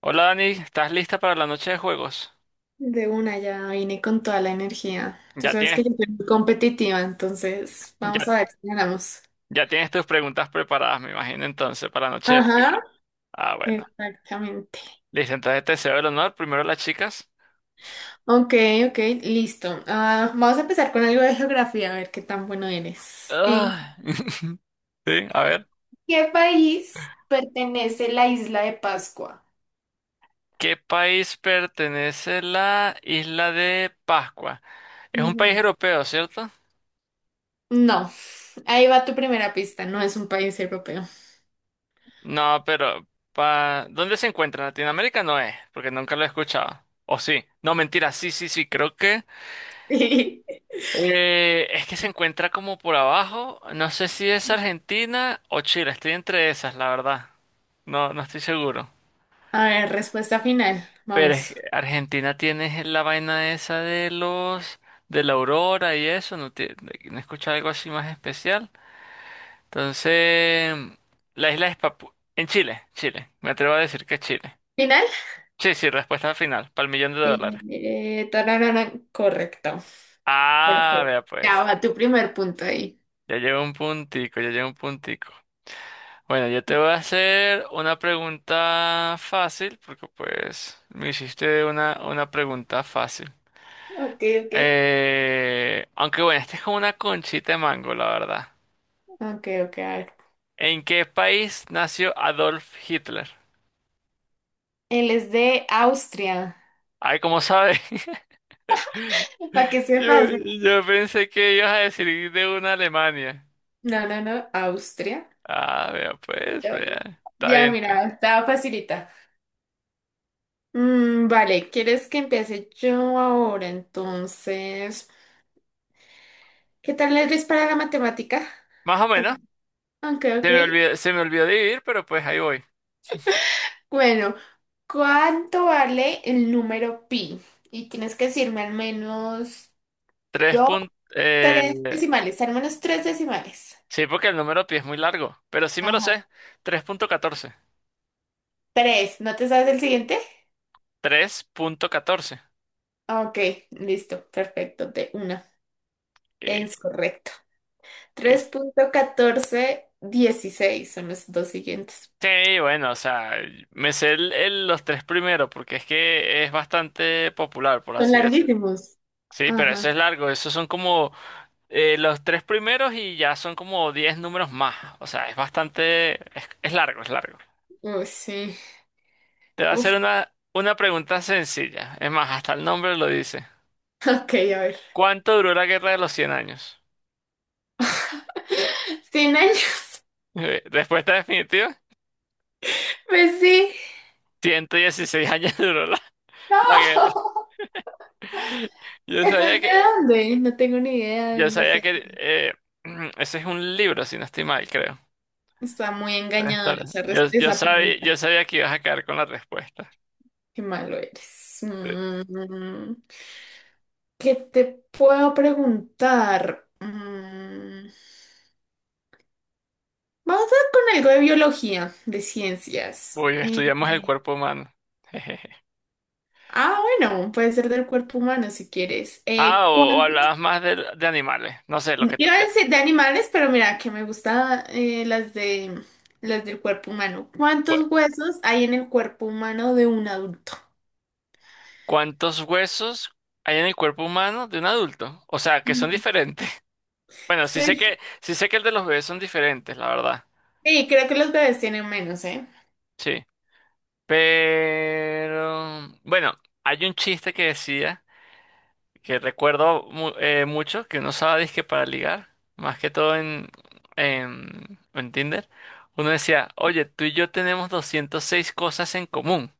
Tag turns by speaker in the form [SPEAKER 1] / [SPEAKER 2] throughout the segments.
[SPEAKER 1] Hola Dani, ¿estás lista para la noche de juegos?
[SPEAKER 2] De una ya vine con toda la energía. Tú
[SPEAKER 1] Ya
[SPEAKER 2] sabes
[SPEAKER 1] tienes,
[SPEAKER 2] que yo soy muy competitiva, entonces vamos
[SPEAKER 1] ya,
[SPEAKER 2] a ver si ganamos.
[SPEAKER 1] ya tienes tus preguntas preparadas, me imagino entonces, para la noche de trivia.
[SPEAKER 2] Ajá,
[SPEAKER 1] Ah, bueno.
[SPEAKER 2] exactamente.
[SPEAKER 1] Listo, entonces te cedo el honor. Primero las chicas.
[SPEAKER 2] Ok, ok, listo. Vamos a empezar con algo de geografía, a ver qué tan bueno eres. ¿En
[SPEAKER 1] Ah. Sí, a ver.
[SPEAKER 2] qué país pertenece la isla de Pascua?
[SPEAKER 1] ¿Qué país pertenece la isla de Pascua? Es un país
[SPEAKER 2] Ujú.
[SPEAKER 1] europeo, ¿cierto?
[SPEAKER 2] No, ahí va tu primera pista, no es un país europeo.
[SPEAKER 1] No, pero ¿dónde se encuentra? ¿En Latinoamérica no es? Porque nunca lo he escuchado. ¿O sí? No, mentira, sí, sí, sí, creo que... Es que se encuentra como por abajo. No sé si es Argentina o Chile. Estoy entre esas, la verdad. No, no estoy seguro.
[SPEAKER 2] A ver, respuesta final,
[SPEAKER 1] Pero es
[SPEAKER 2] vamos.
[SPEAKER 1] que Argentina tiene la vaina esa de los de la aurora y eso. No, no he escuchado algo así más especial. Entonces, la isla es Papu en Chile, Chile. Me atrevo a decir que es Chile.
[SPEAKER 2] ¿Final?
[SPEAKER 1] Sí, sí, respuesta final, para el millón de
[SPEAKER 2] Eh,
[SPEAKER 1] dólares.
[SPEAKER 2] tararara, correcto.
[SPEAKER 1] Ah,
[SPEAKER 2] Perfecto.
[SPEAKER 1] vea pues.
[SPEAKER 2] Ya va tu primer punto ahí.
[SPEAKER 1] Ya llevo un puntico, ya llevo un puntico. Bueno, yo te voy a hacer una pregunta fácil, porque pues me hiciste una pregunta fácil.
[SPEAKER 2] Ok, ok.
[SPEAKER 1] Aunque bueno, esta es como una conchita de mango, la verdad.
[SPEAKER 2] Ok, ok, a ver.
[SPEAKER 1] ¿En qué país nació Adolf Hitler?
[SPEAKER 2] Él es de Austria.
[SPEAKER 1] Ay, ¿cómo sabes?
[SPEAKER 2] Para que
[SPEAKER 1] Yo,
[SPEAKER 2] sepas, ¿eh?
[SPEAKER 1] yo pensé que ibas a decir de una Alemania.
[SPEAKER 2] No, no, no, Austria.
[SPEAKER 1] Ah, vea, pues,
[SPEAKER 2] Yo-
[SPEAKER 1] vea. Está
[SPEAKER 2] Ya,
[SPEAKER 1] bien, está bien.
[SPEAKER 2] mira, estaba facilita. Mm, vale, ¿quieres que empiece yo ahora? Entonces, ¿qué tal eres para la matemática?
[SPEAKER 1] Más o menos.
[SPEAKER 2] Ok, ok.
[SPEAKER 1] Se me olvidó dividir, pero pues ahí voy.
[SPEAKER 2] Bueno, ¿cuánto vale el número pi? Y tienes que decirme al menos
[SPEAKER 1] Tres
[SPEAKER 2] dos,
[SPEAKER 1] puntos.
[SPEAKER 2] tres decimales, al menos tres decimales.
[SPEAKER 1] Sí, porque el número pi es muy largo, pero sí me lo
[SPEAKER 2] Ajá.
[SPEAKER 1] sé. 3.14.
[SPEAKER 2] Tres, ¿no te sabes el siguiente?
[SPEAKER 1] 3.14.
[SPEAKER 2] Ok, listo, perfecto, de una.
[SPEAKER 1] Eh,
[SPEAKER 2] Es correcto. Tres
[SPEAKER 1] es-
[SPEAKER 2] punto catorce dieciséis son los dos siguientes.
[SPEAKER 1] Sí, bueno, o sea, me sé los tres primeros porque es que es bastante popular, por
[SPEAKER 2] Son
[SPEAKER 1] así decirlo.
[SPEAKER 2] larguísimos.
[SPEAKER 1] Sí, pero eso
[SPEAKER 2] Ajá.
[SPEAKER 1] es largo, esos son como los tres primeros y ya son como 10 números más. O sea, es bastante, es largo, es largo.
[SPEAKER 2] Uy, sí.
[SPEAKER 1] Te voy a hacer
[SPEAKER 2] Uf,
[SPEAKER 1] una pregunta sencilla. Es más, hasta el nombre lo dice.
[SPEAKER 2] ok, a ver.
[SPEAKER 1] ¿Cuánto duró la Guerra de los Cien años?
[SPEAKER 2] ¿100 años?
[SPEAKER 1] Respuesta definitiva.
[SPEAKER 2] Pues sí.
[SPEAKER 1] 116 años duró la,
[SPEAKER 2] No.
[SPEAKER 1] la guerra. Yo
[SPEAKER 2] ¿Eso es
[SPEAKER 1] sabía
[SPEAKER 2] de
[SPEAKER 1] que,
[SPEAKER 2] dónde? No tengo ni idea de
[SPEAKER 1] yo
[SPEAKER 2] dónde
[SPEAKER 1] sabía
[SPEAKER 2] sea.
[SPEAKER 1] que eh, ese es un libro, si no estoy mal, creo.
[SPEAKER 2] Está muy
[SPEAKER 1] Puede
[SPEAKER 2] engañadora
[SPEAKER 1] estar.
[SPEAKER 2] esa,
[SPEAKER 1] Yo, yo
[SPEAKER 2] esa
[SPEAKER 1] sabía,
[SPEAKER 2] pregunta.
[SPEAKER 1] yo sabía que ibas a caer con la respuesta.
[SPEAKER 2] Qué malo eres.
[SPEAKER 1] Sí.
[SPEAKER 2] Mm. ¿Qué te puedo preguntar? Mm, vamos a con algo de biología, de ciencias.
[SPEAKER 1] Uy, estudiamos el cuerpo humano. Jejeje.
[SPEAKER 2] Bueno, puede ser del cuerpo humano si quieres.
[SPEAKER 1] Ah, o
[SPEAKER 2] ¿Cuánto?
[SPEAKER 1] hablabas más de animales. No sé, lo que tú
[SPEAKER 2] Iba a
[SPEAKER 1] quieras.
[SPEAKER 2] decir de animales, pero mira, que me gustan las de las del cuerpo humano.
[SPEAKER 1] Bueno,
[SPEAKER 2] ¿Cuántos huesos hay en el cuerpo humano de un adulto?
[SPEAKER 1] ¿cuántos huesos hay en el cuerpo humano de un adulto? O sea, que son
[SPEAKER 2] Mm,
[SPEAKER 1] diferentes. Bueno, sí sé que,
[SPEAKER 2] sí,
[SPEAKER 1] sí sé que el de los bebés son diferentes, la verdad.
[SPEAKER 2] sí, creo que los bebés tienen menos, ¿eh?
[SPEAKER 1] Sí. Pero bueno, hay un chiste que decía, que recuerdo mucho, que uno usaba disque para ligar, más que todo en Tinder. Uno decía, oye, tú y yo tenemos 206 cosas en común.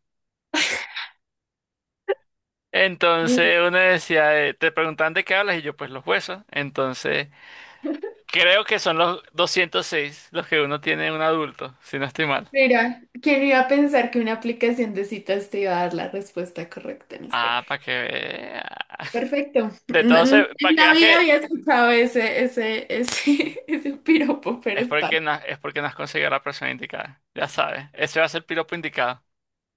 [SPEAKER 1] Entonces uno decía, te preguntan de qué hablas y yo pues los huesos. Entonces creo que son los 206 los que uno tiene en un adulto, si no estoy mal.
[SPEAKER 2] Mira, ¿quién iba a pensar que una aplicación de citas te iba a dar la respuesta correcta en este.
[SPEAKER 1] Ah, para que vea.
[SPEAKER 2] Perfecto.
[SPEAKER 1] De todo se, para
[SPEAKER 2] En
[SPEAKER 1] que
[SPEAKER 2] la
[SPEAKER 1] veas
[SPEAKER 2] vida
[SPEAKER 1] que
[SPEAKER 2] había escuchado ese piropo, pero
[SPEAKER 1] es
[SPEAKER 2] está.
[SPEAKER 1] porque no, es porque no has conseguido a la persona indicada. Ya sabes. Ese va a ser el piropo indicado.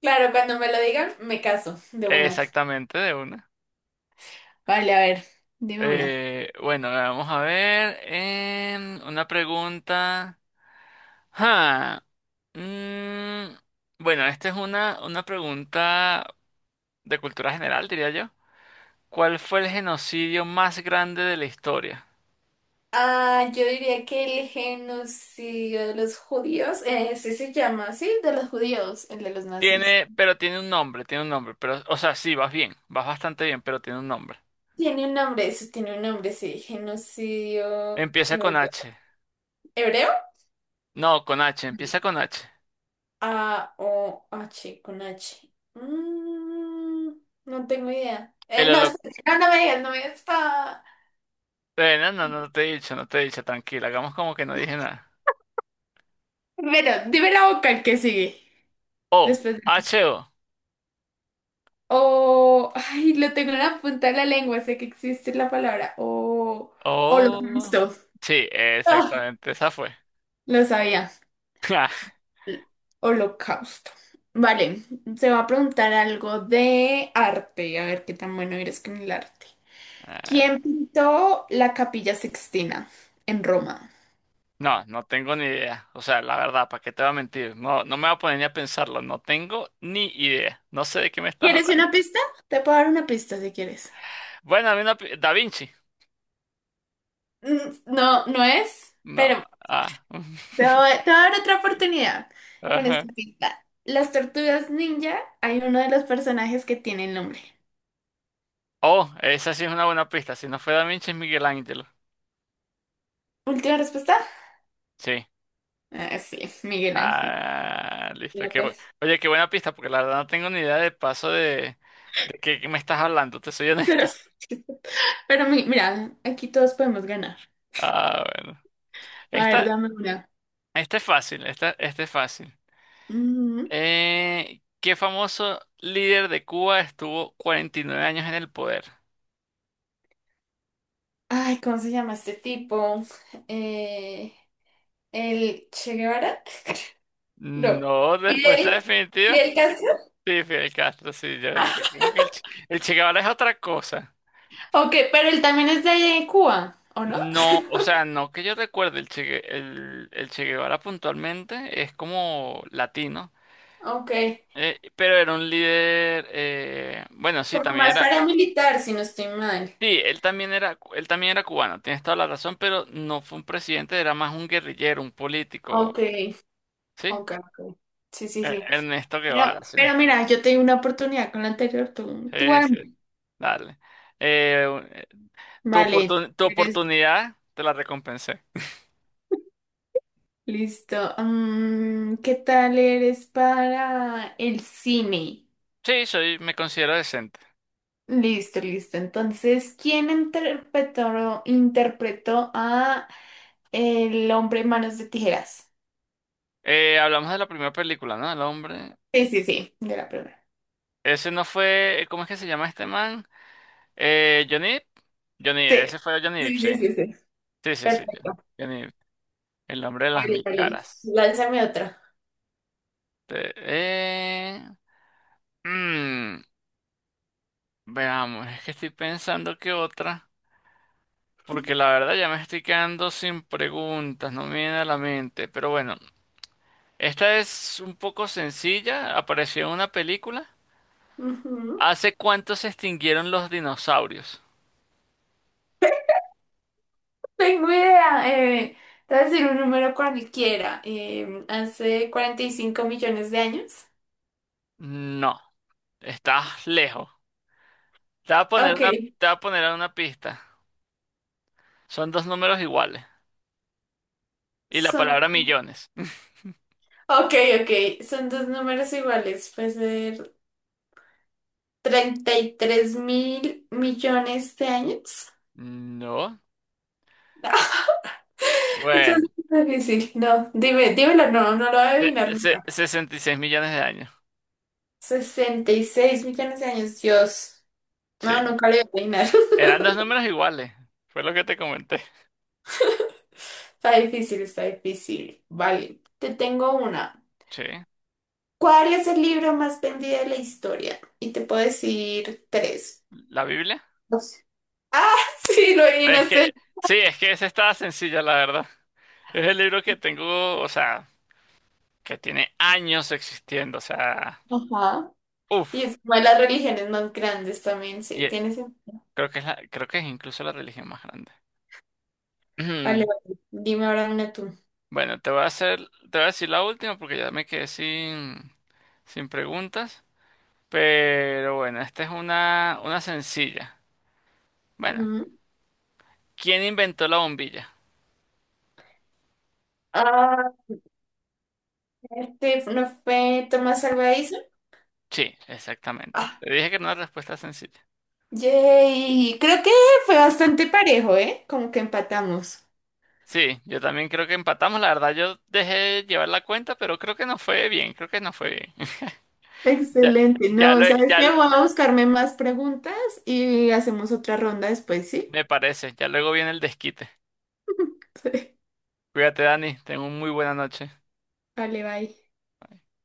[SPEAKER 2] Claro, cuando me lo digan, me caso de una.
[SPEAKER 1] Exactamente, de una.
[SPEAKER 2] Vale, a ver, dime una.
[SPEAKER 1] Bueno, vamos a ver. Una pregunta. Ah, mm, bueno, esta es una pregunta de cultura general, diría yo. ¿Cuál fue el genocidio más grande de la historia?
[SPEAKER 2] Ah, yo diría que el genocidio de los judíos, sí se llama así, de los judíos, el de los nazis.
[SPEAKER 1] Pero tiene un nombre, tiene un nombre. Pero, o sea, sí, vas bien, vas bastante bien, pero tiene un nombre.
[SPEAKER 2] Tiene un nombre, eso tiene un nombre, sí, genocidio
[SPEAKER 1] Empieza con
[SPEAKER 2] hebreo.
[SPEAKER 1] H.
[SPEAKER 2] ¿Hebreo?
[SPEAKER 1] No, con H, empieza con H.
[SPEAKER 2] A-O-H con H. Mm, no tengo idea.
[SPEAKER 1] El
[SPEAKER 2] No, espera, no, no me digas, no me digas.
[SPEAKER 1] No, no, no te he dicho, tranquila, hagamos como que no dije nada.
[SPEAKER 2] Pero dime la vocal que sigue.
[SPEAKER 1] O,
[SPEAKER 2] Después de...
[SPEAKER 1] H-O.
[SPEAKER 2] O... Ay, lo tengo en la punta de la lengua, sé que existe la palabra. O...
[SPEAKER 1] O. O.
[SPEAKER 2] Holocausto.
[SPEAKER 1] Sí,
[SPEAKER 2] Ah,
[SPEAKER 1] exactamente, esa fue.
[SPEAKER 2] Lo sabía. Holocausto. Vale, se va a preguntar algo de arte. A ver qué tan bueno eres con el arte.
[SPEAKER 1] Ah.
[SPEAKER 2] ¿Quién pintó la Capilla Sixtina en Roma?
[SPEAKER 1] No, no tengo ni idea. O sea, la verdad, ¿para qué te voy a mentir? No, no me voy a poner ni a pensarlo, no tengo ni idea. No sé de qué me estás
[SPEAKER 2] ¿Quieres
[SPEAKER 1] hablando.
[SPEAKER 2] una pista? Te puedo dar una pista si quieres.
[SPEAKER 1] Bueno, a mí una... pi- Da Vinci.
[SPEAKER 2] Mm, no, no es,
[SPEAKER 1] No.
[SPEAKER 2] pero
[SPEAKER 1] Ah.
[SPEAKER 2] Te voy, te voy a dar otra oportunidad con
[SPEAKER 1] Ajá.
[SPEAKER 2] esta pista. Las tortugas ninja, hay uno de los personajes que tiene el nombre.
[SPEAKER 1] Oh, esa sí es una buena pista. Si no fue Da Vinci, es Miguel Ángel.
[SPEAKER 2] Última respuesta.
[SPEAKER 1] Sí.
[SPEAKER 2] Ah, sí, Miguel Ángel
[SPEAKER 1] Ah, listo.
[SPEAKER 2] López.
[SPEAKER 1] Oye, qué buena pista, porque la verdad no tengo ni idea de paso de qué me estás hablando, te soy
[SPEAKER 2] Pero,
[SPEAKER 1] honesto.
[SPEAKER 2] pero mira, aquí todos podemos ganar.
[SPEAKER 1] Ah, bueno.
[SPEAKER 2] A ver,
[SPEAKER 1] Esta,
[SPEAKER 2] dame una.
[SPEAKER 1] esta es fácil, esta es fácil.
[SPEAKER 2] Ujú.
[SPEAKER 1] ¿Qué famoso líder de Cuba estuvo 49 años en el poder?
[SPEAKER 2] Ay, ¿cómo se llama este tipo? Eh, ¿El Che Guevara? No.
[SPEAKER 1] No, respuesta
[SPEAKER 2] ¿Fidel?
[SPEAKER 1] definitiva.
[SPEAKER 2] ¿Fidel Castro?
[SPEAKER 1] Sí, Fidel Castro, sí, yo como que el Che Guevara es otra cosa.
[SPEAKER 2] Ok, pero él también es de Cuba, ¿o no?
[SPEAKER 1] No, o sea, no que yo recuerde, el Che Guevara puntualmente es como latino.
[SPEAKER 2] Ok,
[SPEAKER 1] Pero era un líder, bueno, sí,
[SPEAKER 2] como
[SPEAKER 1] también
[SPEAKER 2] más
[SPEAKER 1] era,
[SPEAKER 2] paramilitar, si no estoy mal.
[SPEAKER 1] sí, él también era cubano, tienes toda la razón, pero no fue un presidente, era más un guerrillero, un político,
[SPEAKER 2] Ok,
[SPEAKER 1] ¿sí?
[SPEAKER 2] ok, ok. Sí, sí, sí.
[SPEAKER 1] Ernesto
[SPEAKER 2] Pero,
[SPEAKER 1] Guevara, si no
[SPEAKER 2] pero
[SPEAKER 1] estoy
[SPEAKER 2] mira,
[SPEAKER 1] mal.
[SPEAKER 2] yo tengo una oportunidad con la anterior,
[SPEAKER 1] Sí,
[SPEAKER 2] tú arma.
[SPEAKER 1] sí, dale. Eh, un- eh, tu
[SPEAKER 2] Vale,
[SPEAKER 1] oportun- tu
[SPEAKER 2] si ¿quieres?
[SPEAKER 1] oportunidad te la recompensé.
[SPEAKER 2] Listo. Mm, ¿qué tal eres para el cine?
[SPEAKER 1] Sí, me considero decente.
[SPEAKER 2] Listo, listo. Entonces, ¿quién interpretó a El hombre manos de tijeras?
[SPEAKER 1] Hablamos de la primera película, ¿no? El hombre.
[SPEAKER 2] Sí, sí, sí, de la primera.
[SPEAKER 1] Ese no fue, ¿cómo es que se llama este man? Johnny Depp. Johnny
[SPEAKER 2] Sí,
[SPEAKER 1] Depp, ese fue Johnny Depp,
[SPEAKER 2] sí,
[SPEAKER 1] sí.
[SPEAKER 2] sí, sí, sí.
[SPEAKER 1] Sí, sí, sí.
[SPEAKER 2] Perfecto.
[SPEAKER 1] Ya ni- el nombre de las
[SPEAKER 2] Vale,
[SPEAKER 1] mil
[SPEAKER 2] vale.
[SPEAKER 1] caras.
[SPEAKER 2] Lánzame otra.
[SPEAKER 1] Te- eh, mm, veamos, es que estoy pensando que otra. Porque la verdad ya me estoy quedando sin preguntas, no me viene a la mente. Pero bueno, esta es un poco sencilla, apareció en una película.
[SPEAKER 2] Ujú.
[SPEAKER 1] ¿Hace cuánto se extinguieron los dinosaurios?
[SPEAKER 2] Tengo idea. Te voy a decir un número cualquiera. Hace 45 millones de años.
[SPEAKER 1] No, estás lejos. Te voy a poner
[SPEAKER 2] Ok,
[SPEAKER 1] una, te voy a poner una pista. Son dos números iguales. Y la
[SPEAKER 2] son,
[SPEAKER 1] palabra millones.
[SPEAKER 2] ok, ok, son dos números iguales. Puede ser 33 mil millones de años.
[SPEAKER 1] No.
[SPEAKER 2] eso es
[SPEAKER 1] Bueno.
[SPEAKER 2] muy difícil. No, dímelo, no, no lo voy a adivinar nunca.
[SPEAKER 1] 66 millones de años.
[SPEAKER 2] 66 millones de años, Dios.
[SPEAKER 1] Sí.
[SPEAKER 2] No, nunca lo voy a adivinar.
[SPEAKER 1] Eran dos números iguales. Fue lo que te comenté.
[SPEAKER 2] Está difícil, está difícil. Vale, te tengo una.
[SPEAKER 1] Sí.
[SPEAKER 2] ¿Cuál es el libro más vendido de la historia? Y te puedo decir tres.
[SPEAKER 1] ¿La Biblia?
[SPEAKER 2] Dos. Ah, sí, lo
[SPEAKER 1] Es
[SPEAKER 2] adivinaste.
[SPEAKER 1] que, sí, es que esa estaba sencilla, la verdad. Es el libro que tengo, o sea, que tiene años existiendo, o sea,
[SPEAKER 2] Ajá. Y
[SPEAKER 1] uff.
[SPEAKER 2] es una de las religiones más grandes también, sí,
[SPEAKER 1] Y eh,
[SPEAKER 2] tiene sentido.
[SPEAKER 1] creo que es incluso la religión más grande.
[SPEAKER 2] Vale, vale. Dime ahora una tú.
[SPEAKER 1] Bueno, te voy a decir la última porque ya me quedé sin preguntas. Pero bueno, esta es una sencilla. Bueno,
[SPEAKER 2] Ujú.
[SPEAKER 1] ¿quién inventó la bombilla?
[SPEAKER 2] Ah, este no fue Tomás Albaíza.
[SPEAKER 1] Sí, exactamente.
[SPEAKER 2] Ah,
[SPEAKER 1] Te dije que era una respuesta sencilla.
[SPEAKER 2] yay. Creo que fue bastante parejo, ¿eh? Como que empatamos.
[SPEAKER 1] Sí, yo también creo que empatamos. La verdad, yo dejé llevar la cuenta, pero creo que no fue bien. Creo que no fue bien. Ya,
[SPEAKER 2] Excelente.
[SPEAKER 1] ya,
[SPEAKER 2] No, ¿sabes qué? Voy a buscarme más preguntas y hacemos otra ronda después, ¿sí?
[SPEAKER 1] me parece. Ya luego viene el desquite.
[SPEAKER 2] Sí.
[SPEAKER 1] Cuídate, Dani. Tengo una muy buena noche.
[SPEAKER 2] Vale, bye.